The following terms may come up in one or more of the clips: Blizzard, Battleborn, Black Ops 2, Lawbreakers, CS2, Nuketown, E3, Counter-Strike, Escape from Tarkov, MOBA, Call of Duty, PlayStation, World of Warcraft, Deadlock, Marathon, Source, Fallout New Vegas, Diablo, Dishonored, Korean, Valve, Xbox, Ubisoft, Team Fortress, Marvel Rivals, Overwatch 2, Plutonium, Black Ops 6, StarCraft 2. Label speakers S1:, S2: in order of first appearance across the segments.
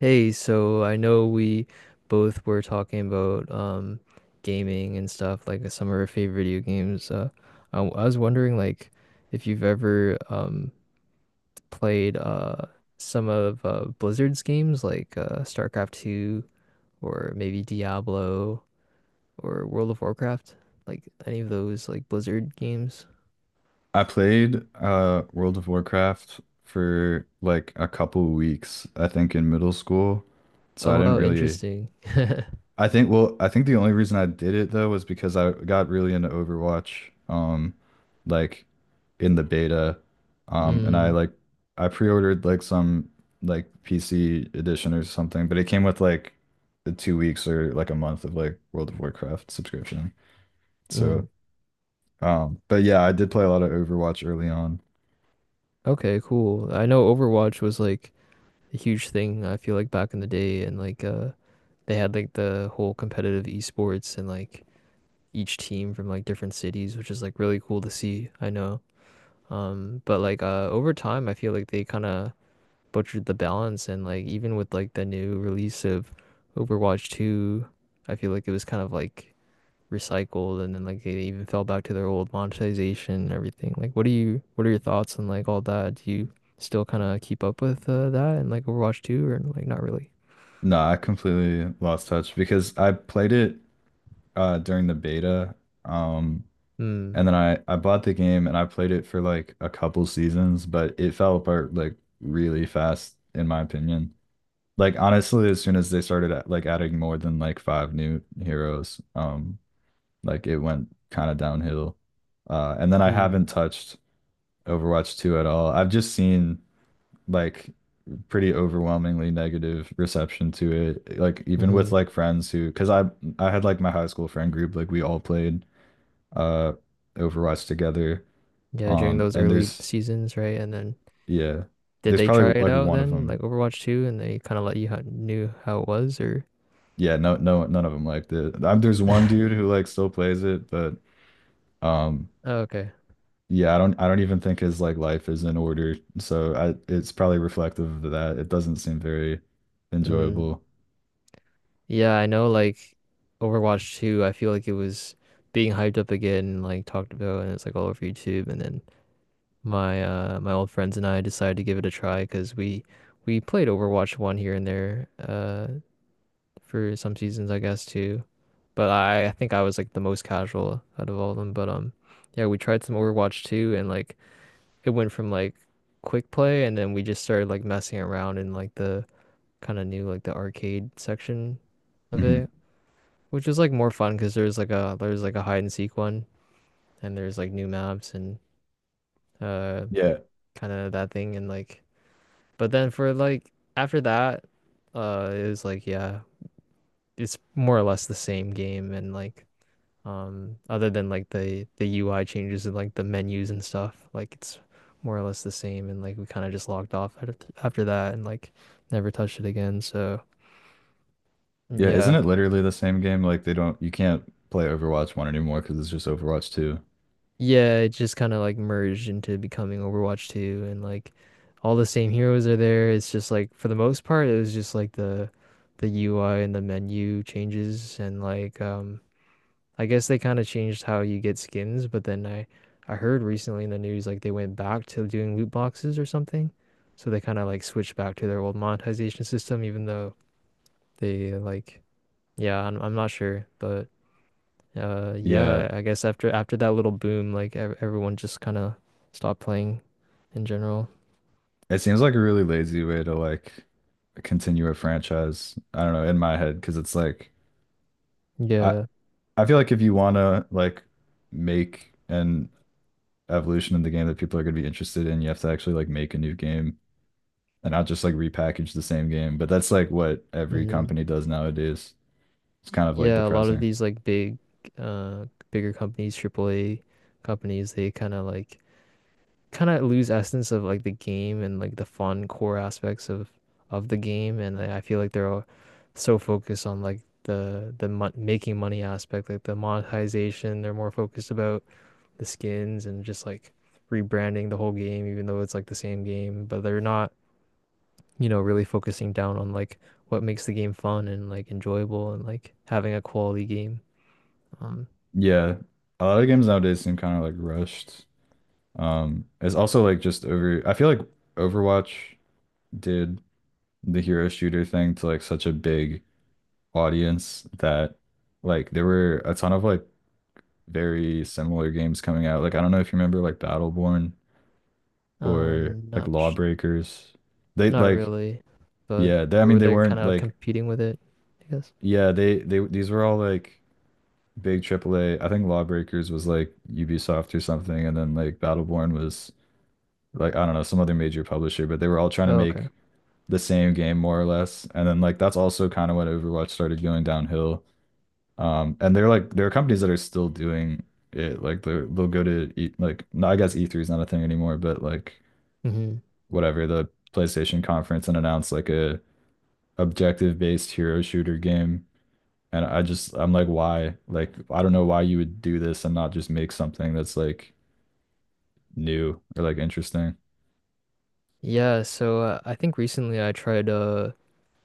S1: Hey, so I know we both were talking about gaming and stuff, like some of our favorite video games. I was wondering like if you've ever played some of Blizzard's games like StarCraft 2 or maybe Diablo or World of Warcraft, like any of those like Blizzard games.
S2: I played World of Warcraft for like a couple weeks, I think in middle school. So I
S1: Oh
S2: didn't
S1: wow,
S2: really.
S1: interesting.
S2: I think well, I think the only reason I did it though was because I got really into Overwatch, like in the beta. And I
S1: Mm,
S2: like I pre-ordered like some like PC edition or something, but it came with like the 2 weeks or like a month of like World of Warcraft subscription.
S1: mm.
S2: So but yeah, I did play a lot of Overwatch early on.
S1: Okay, cool. I know Overwatch was like a huge thing, I feel like back in the day, and like they had like the whole competitive esports and like each team from like different cities, which is like really cool to see, I know. Um, but like over time I feel like they kind of butchered the balance, and like even with like the new release of Overwatch 2, I feel like it was kind of like recycled, and then like they even fell back to their old monetization and everything. Like what do you what are your thoughts on like all that? Do you still kind of keep up with that and like Overwatch 2 or like not really?
S2: No, I completely lost touch because I played it during the beta. Um
S1: Mm,
S2: and then I bought the game and I played it for like a couple seasons, but it fell apart like really fast in my opinion. Like honestly, as soon as they started at, like adding more than like five new heroes, like it went kind of downhill. And then I
S1: mm,
S2: haven't touched Overwatch 2 at all. I've just seen like pretty overwhelmingly negative reception to it. Like even
S1: hmm.
S2: with like friends who, because I had like my high school friend group, like we all played uh Overwatch together.
S1: Yeah, during those
S2: And
S1: early
S2: there's
S1: seasons, right? And then
S2: yeah,
S1: did
S2: there's
S1: they try
S2: probably
S1: it
S2: like
S1: out
S2: one of
S1: then,
S2: them.
S1: like Overwatch 2, and they kind of let you ho knew how it was, or?
S2: Yeah, no, no, none of them liked it. There's one dude who like still plays it, but um,
S1: Oh, okay.
S2: yeah, I don't even think his like life is in order. So I, it's probably reflective of that. It doesn't seem very
S1: Mm.
S2: enjoyable.
S1: Yeah, I know, like Overwatch 2, I feel like it was being hyped up again, like talked about, and it's like all over YouTube. And then my old friends and I decided to give it a try because we played Overwatch 1 here and there for some seasons, I guess, too. But I think I was like the most casual out of all of them. But yeah, we tried some Overwatch 2 and like it went from like quick play, and then we just started like messing around in like the kind of new, like the arcade section of it,
S2: Hmm.
S1: which was like more fun because there's like a hide and seek one, and there's like new maps and uh
S2: Yeah,
S1: kind of that thing. And like but then for like after that it was like yeah, it's more or less the same game. And like other than like the UI changes and like the menus and stuff, like it's more or less the same. And like we kind of just logged off at after that, and like never touched it again. So
S2: yeah, isn't
S1: yeah,
S2: it literally the same game? Like they don't, you can't play Overwatch 1 anymore because it's just Overwatch 2.
S1: yeah, it just kind of like merged into becoming Overwatch 2, and like all the same heroes are there. It's just like for the most part, it was just like the UI and the menu changes, and like I guess they kind of changed how you get skins, but then I heard recently in the news like they went back to doing loot boxes or something. So they kind of like switched back to their old monetization system, even though they like yeah, I'm not sure, but
S2: Yeah,
S1: yeah, I guess after that little boom like ev everyone just kind of stopped playing in general.
S2: it seems like a really lazy way to like continue a franchise. I don't know, in my head, because it's like I
S1: Yeah.
S2: I feel like if you want to like make an evolution in the game that people are going to be interested in, you have to actually like make a new game and not just like repackage the same game. But that's like what every
S1: Hmm.
S2: company does nowadays. It's kind of like
S1: Yeah, a lot of
S2: depressing.
S1: these like big bigger companies, AAA companies, they kind of like kind of lose essence of like the game and like the fun core aspects of the game. And like, I feel like they're all so focused on like the mon making money aspect, like the monetization, they're more focused about the skins and just like rebranding the whole game, even though it's like the same game. But they're not, you know, really focusing down on like what makes the game fun and like enjoyable and like having a quality game. um
S2: Yeah, a lot of games nowadays seem kind of like rushed. It's also like just over, I feel like Overwatch did the hero shooter thing to like such a big audience that like there were a ton of like very similar games coming out. Like, I don't know if you remember like Battleborn or like
S1: Not sh
S2: Lawbreakers. They
S1: not
S2: like,
S1: really, but
S2: yeah, they, I mean,
S1: were
S2: they
S1: they kind
S2: weren't
S1: of
S2: like,
S1: competing with it, I guess?
S2: yeah, these were all like big AAA. I think Lawbreakers was like Ubisoft or something. And then like Battleborn was like, I don't know, some other major publisher, but they were all trying to
S1: Okay.
S2: make the same game more or less. And then like that's also kind of when Overwatch started going downhill. And they're like there are companies that are still doing it. Like they will go to e like no, I guess E3 is not a thing anymore, but like
S1: Hmm.
S2: whatever the PlayStation conference and announce like a objective based hero shooter game. And I just I'm like why? Like I don't know why you would do this and not just make something that's like new or like interesting.
S1: Yeah, so I think recently I tried uh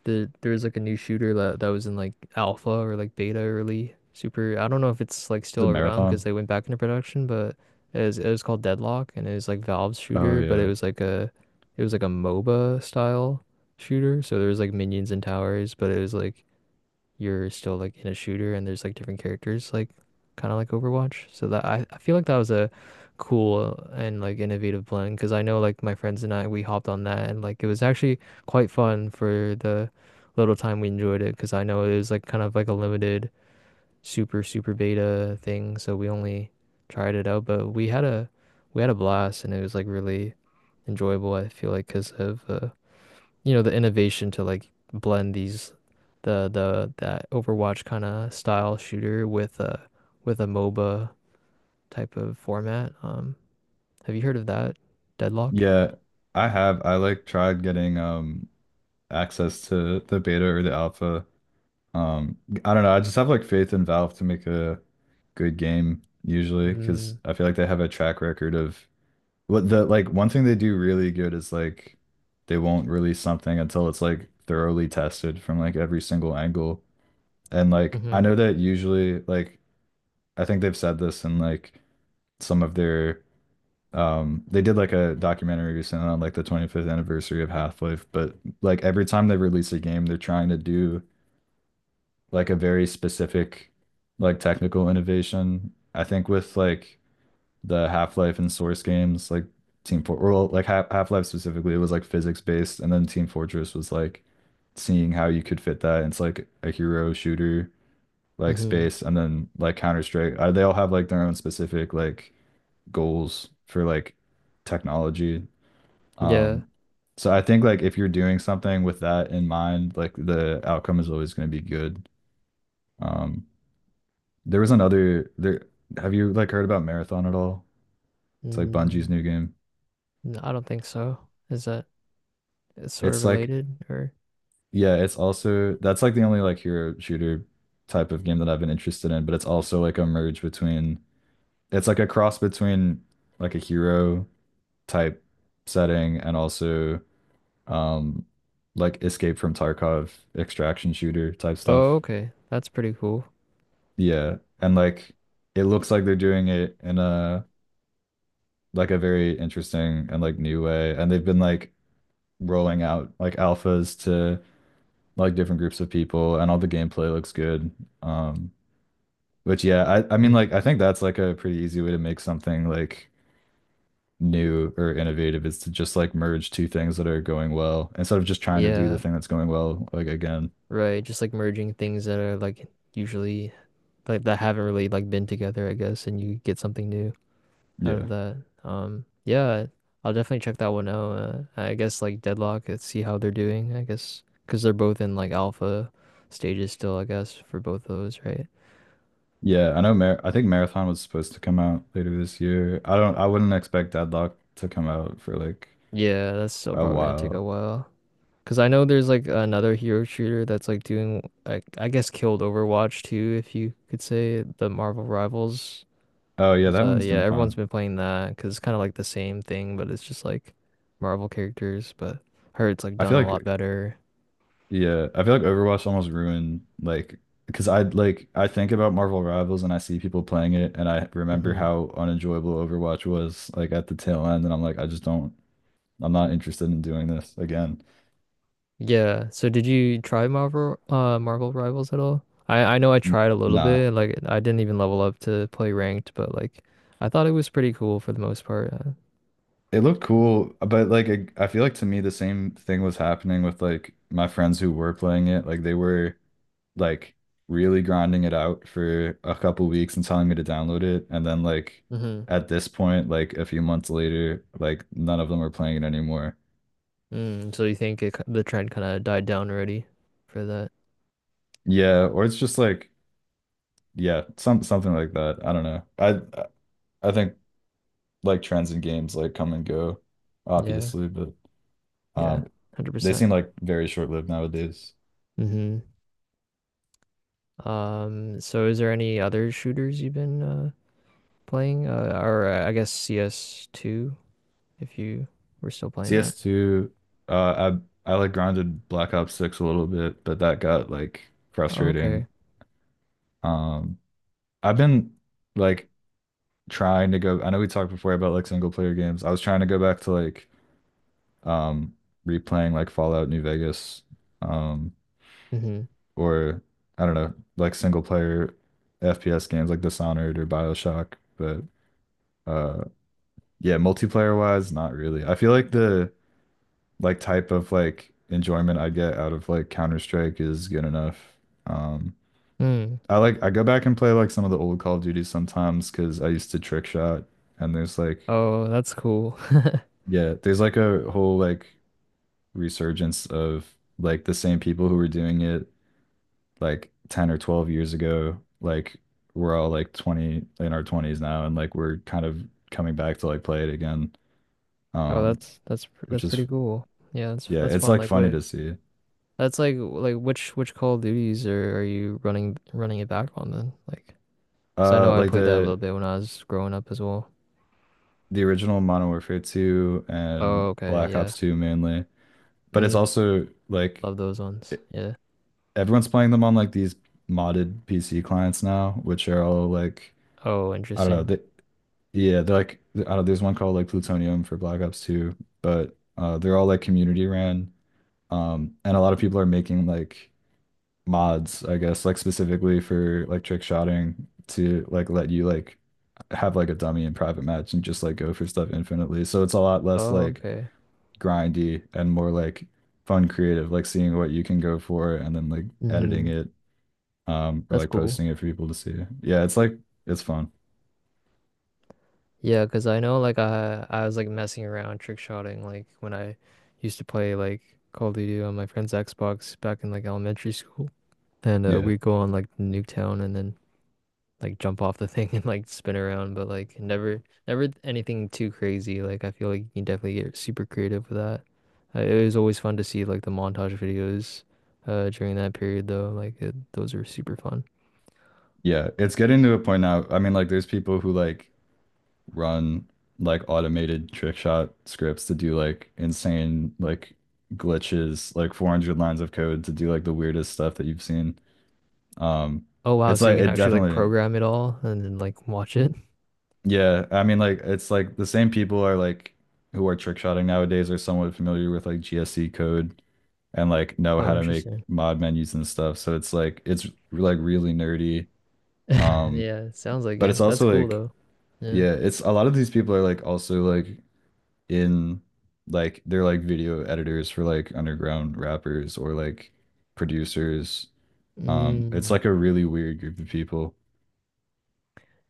S1: the there was like a new shooter that was in like alpha or like beta early super. I don't know if it's like
S2: The
S1: still around because
S2: marathon.
S1: they went back into production, but it was called Deadlock, and it was like Valve's
S2: Oh
S1: shooter, but it
S2: yeah.
S1: was like a MOBA style shooter. So there was like minions and towers, but it was like you're still like in a shooter and there's like different characters, like kind of like Overwatch. So that I feel like that was a cool and like innovative blend, because I know like my friends and I, we hopped on that, and like it was actually quite fun for the little time we enjoyed it, because I know it was like kind of like a limited super super beta thing, so we only tried it out. But we had a blast, and it was like really enjoyable, I feel like because of you know, the innovation to like blend these the that Overwatch kind of style shooter with a MOBA type of format. Have you heard of that? Deadlock?
S2: Yeah, I have. I like tried getting access to the beta or the alpha. Um, I don't know. I just have like faith in Valve to make a good game usually because
S1: Mm,
S2: I feel like they have a track record of what the like one thing they do really good is like they won't release something until it's like thoroughly tested from like every single angle. And like I
S1: mm-hmm,
S2: know that usually like I think they've said this in like some of their they did like a documentary recently on like the 25th anniversary of Half-Life, but like every time they release a game, they're trying to do like a very specific like technical innovation. I think with like the Half-Life and Source games, like Team Fort or like Half-Life specifically, it was like physics based, and then Team Fortress was like seeing how you could fit that. It's like a hero shooter like
S1: mm-hmm.
S2: space, and then like Counter-Strike. They all have like their own specific like goals for like technology.
S1: Yeah.
S2: Um, so I think like if you're doing something with that in mind, like the outcome is always going to be good. Um, there was another there have you like heard about Marathon at all? It's like Bungie's
S1: Mm,
S2: new game.
S1: no, I don't think so. Is that it's sort of
S2: It's like
S1: related, or?
S2: yeah, it's also that's like the only like hero shooter type of game that I've been interested in, but it's also like a merge between it's like a cross between like a hero type setting and also um like Escape from Tarkov extraction shooter type
S1: Oh,
S2: stuff.
S1: okay. That's pretty cool.
S2: Yeah. And like it looks like they're doing it in a like a very interesting and like new way. And they've been like rolling out like alphas to like different groups of people and all the gameplay looks good. Um, but yeah, I mean like
S1: Mhm.
S2: I think that's like a pretty easy way to make something like new or innovative is to just like merge two things that are going well instead of just trying to do the
S1: Yeah,
S2: thing that's going well like again.
S1: right. Just like merging things that are like usually like that haven't really like been together, I guess, and you get something new. Out
S2: Yeah.
S1: of that. Yeah, I'll definitely check that one out. I guess like Deadlock, let's see how they're doing, I guess, because they're both in like alpha stages still, I guess, for both of those, right?
S2: Yeah, I know Mar I think Marathon was supposed to come out later this year. I don't I wouldn't expect Deadlock to come out for like
S1: Yeah, that's still
S2: a
S1: probably gonna take a
S2: while.
S1: while. Because I know there's like another hero shooter that's like doing, like, I guess, killed Overwatch too, if you could say, the Marvel Rivals.
S2: Oh yeah,
S1: 'Cause,
S2: that one's
S1: yeah,
S2: doing
S1: everyone's
S2: fine.
S1: been playing that because it's kind of like the same thing, but it's just like Marvel characters. But I heard it's like
S2: I
S1: done
S2: feel
S1: a
S2: like
S1: lot better.
S2: yeah, I feel like Overwatch almost ruined like because I like I think about Marvel Rivals and I see people playing it and I remember
S1: Hmm.
S2: how unenjoyable Overwatch was like at the tail end and I'm like I just don't I'm not interested in doing this again.
S1: Yeah. So did you try Marvel Marvel Rivals at all? I know I
S2: N-
S1: tried a little
S2: Nah.
S1: bit. Like I didn't even level up to play ranked, but like I thought it was pretty cool for the most part.
S2: It looked cool, but like I feel like to me the same thing was happening with like my friends who were playing it. Like they were like really grinding it out for a couple weeks and telling me to download it. And then like
S1: Hmm.
S2: at this point, like a few months later, like none of them are playing it anymore.
S1: Mm, so you think it, the trend kind of died down already for that?
S2: Yeah, or it's just like yeah, something like that. I don't know. I think like trends in games like come and go,
S1: Yeah.
S2: obviously, but
S1: Yeah.
S2: um they
S1: 100%.
S2: seem like very short-lived nowadays.
S1: Mm-hmm. So is there any other shooters you've been playing or I guess CS2, if you were still playing that?
S2: CS2, uh I like grounded Black Ops 6 a little bit, but that got like
S1: Oh, okay.
S2: frustrating. Um I've been like trying to go. I know we talked before about like single player games. I was trying to go back to like um replaying like Fallout New Vegas, um,
S1: Mm-hmm.
S2: or I don't know, like single player FPS games like Dishonored or BioShock. But uh yeah, multiplayer wise, not really. I feel like the like type of like enjoyment I get out of like Counter-Strike is good enough. Um
S1: Mm.
S2: I like I go back and play like some of the old Call of Duty sometimes because I used to trick shot and there's like
S1: Oh, that's cool.
S2: yeah, there's like a whole like resurgence of like the same people who were doing it like 10 or 12 years ago. Like we're all like 20 in our 20s now and like we're kind of coming back to like play it again.
S1: Oh,
S2: Um,
S1: that's
S2: which
S1: pretty
S2: is
S1: cool. Yeah,
S2: yeah,
S1: that's
S2: it's
S1: fun.
S2: like
S1: Like
S2: funny
S1: what?
S2: to see.
S1: That's like which Call of Duties are you running it back on then? Like, 'cause I know I
S2: Like
S1: played that a little bit when I was growing up as well.
S2: the original Modern Warfare 2 and
S1: Oh, okay,
S2: Black
S1: yeah.
S2: Ops 2 mainly, but it's
S1: Mm,
S2: also like
S1: love those
S2: e-
S1: ones. Yeah.
S2: everyone's playing them on like these modded PC clients now, which are all like
S1: Oh,
S2: I don't know.
S1: interesting.
S2: They, yeah, they're like I don't there's one called like Plutonium for Black Ops 2, but they're all like community ran. And a lot of people are making like mods, I guess, like specifically for like trick shotting to like let you like have like a dummy in private match and just like go for stuff infinitely. So it's a lot less
S1: Oh,
S2: like
S1: okay.
S2: grindy and more like fun creative, like seeing what you can go for and then like editing
S1: Mm-hmm.
S2: it or
S1: That's
S2: like
S1: cool.
S2: posting it for people to see. Yeah, it's like it's fun.
S1: Yeah, 'cause I know like I was like messing around trick shotting like when I used to play like Call of Duty on my friend's Xbox back in like elementary school, and
S2: Yeah.
S1: we'd go on like Nuketown and then. Like jump off the thing and like spin around, but like never anything too crazy. Like I feel like you can definitely get super creative with that. It was always fun to see like the montage videos during that period though. Like it, those are super fun.
S2: Yeah, it's getting to a point now. I mean, like, there's people who like run like automated trick shot scripts to do like insane like glitches, like 400 lines of code to do like the weirdest stuff that you've seen. Um,
S1: Oh wow,
S2: it's
S1: so you
S2: like
S1: can
S2: it
S1: actually like
S2: definitely,
S1: program it all and then like watch it.
S2: yeah. I mean, like, it's like the same people are like who are trick shotting nowadays are somewhat familiar with like GSC code and like know
S1: Oh,
S2: how to make
S1: interesting.
S2: mod menus and stuff. So it's like really nerdy. Um,
S1: Yeah, sounds like
S2: but it's
S1: it. That's
S2: also
S1: cool
S2: like
S1: though. Yeah.
S2: yeah, it's a lot of these people are like also like in like they're like video editors for like underground rappers or like producers. It's
S1: Mm.
S2: like a really weird group of people.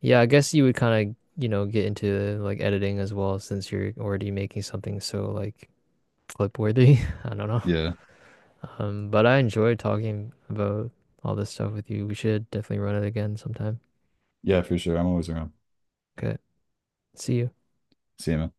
S1: Yeah, I guess you would kind of, you know, get into like editing as well, since you're already making something so like clip worthy. I don't know.
S2: Yeah.
S1: But I enjoyed talking about all this stuff with you. We should definitely run it again sometime.
S2: Yeah, for sure. I'm always around.
S1: Okay. See you.
S2: See you, man.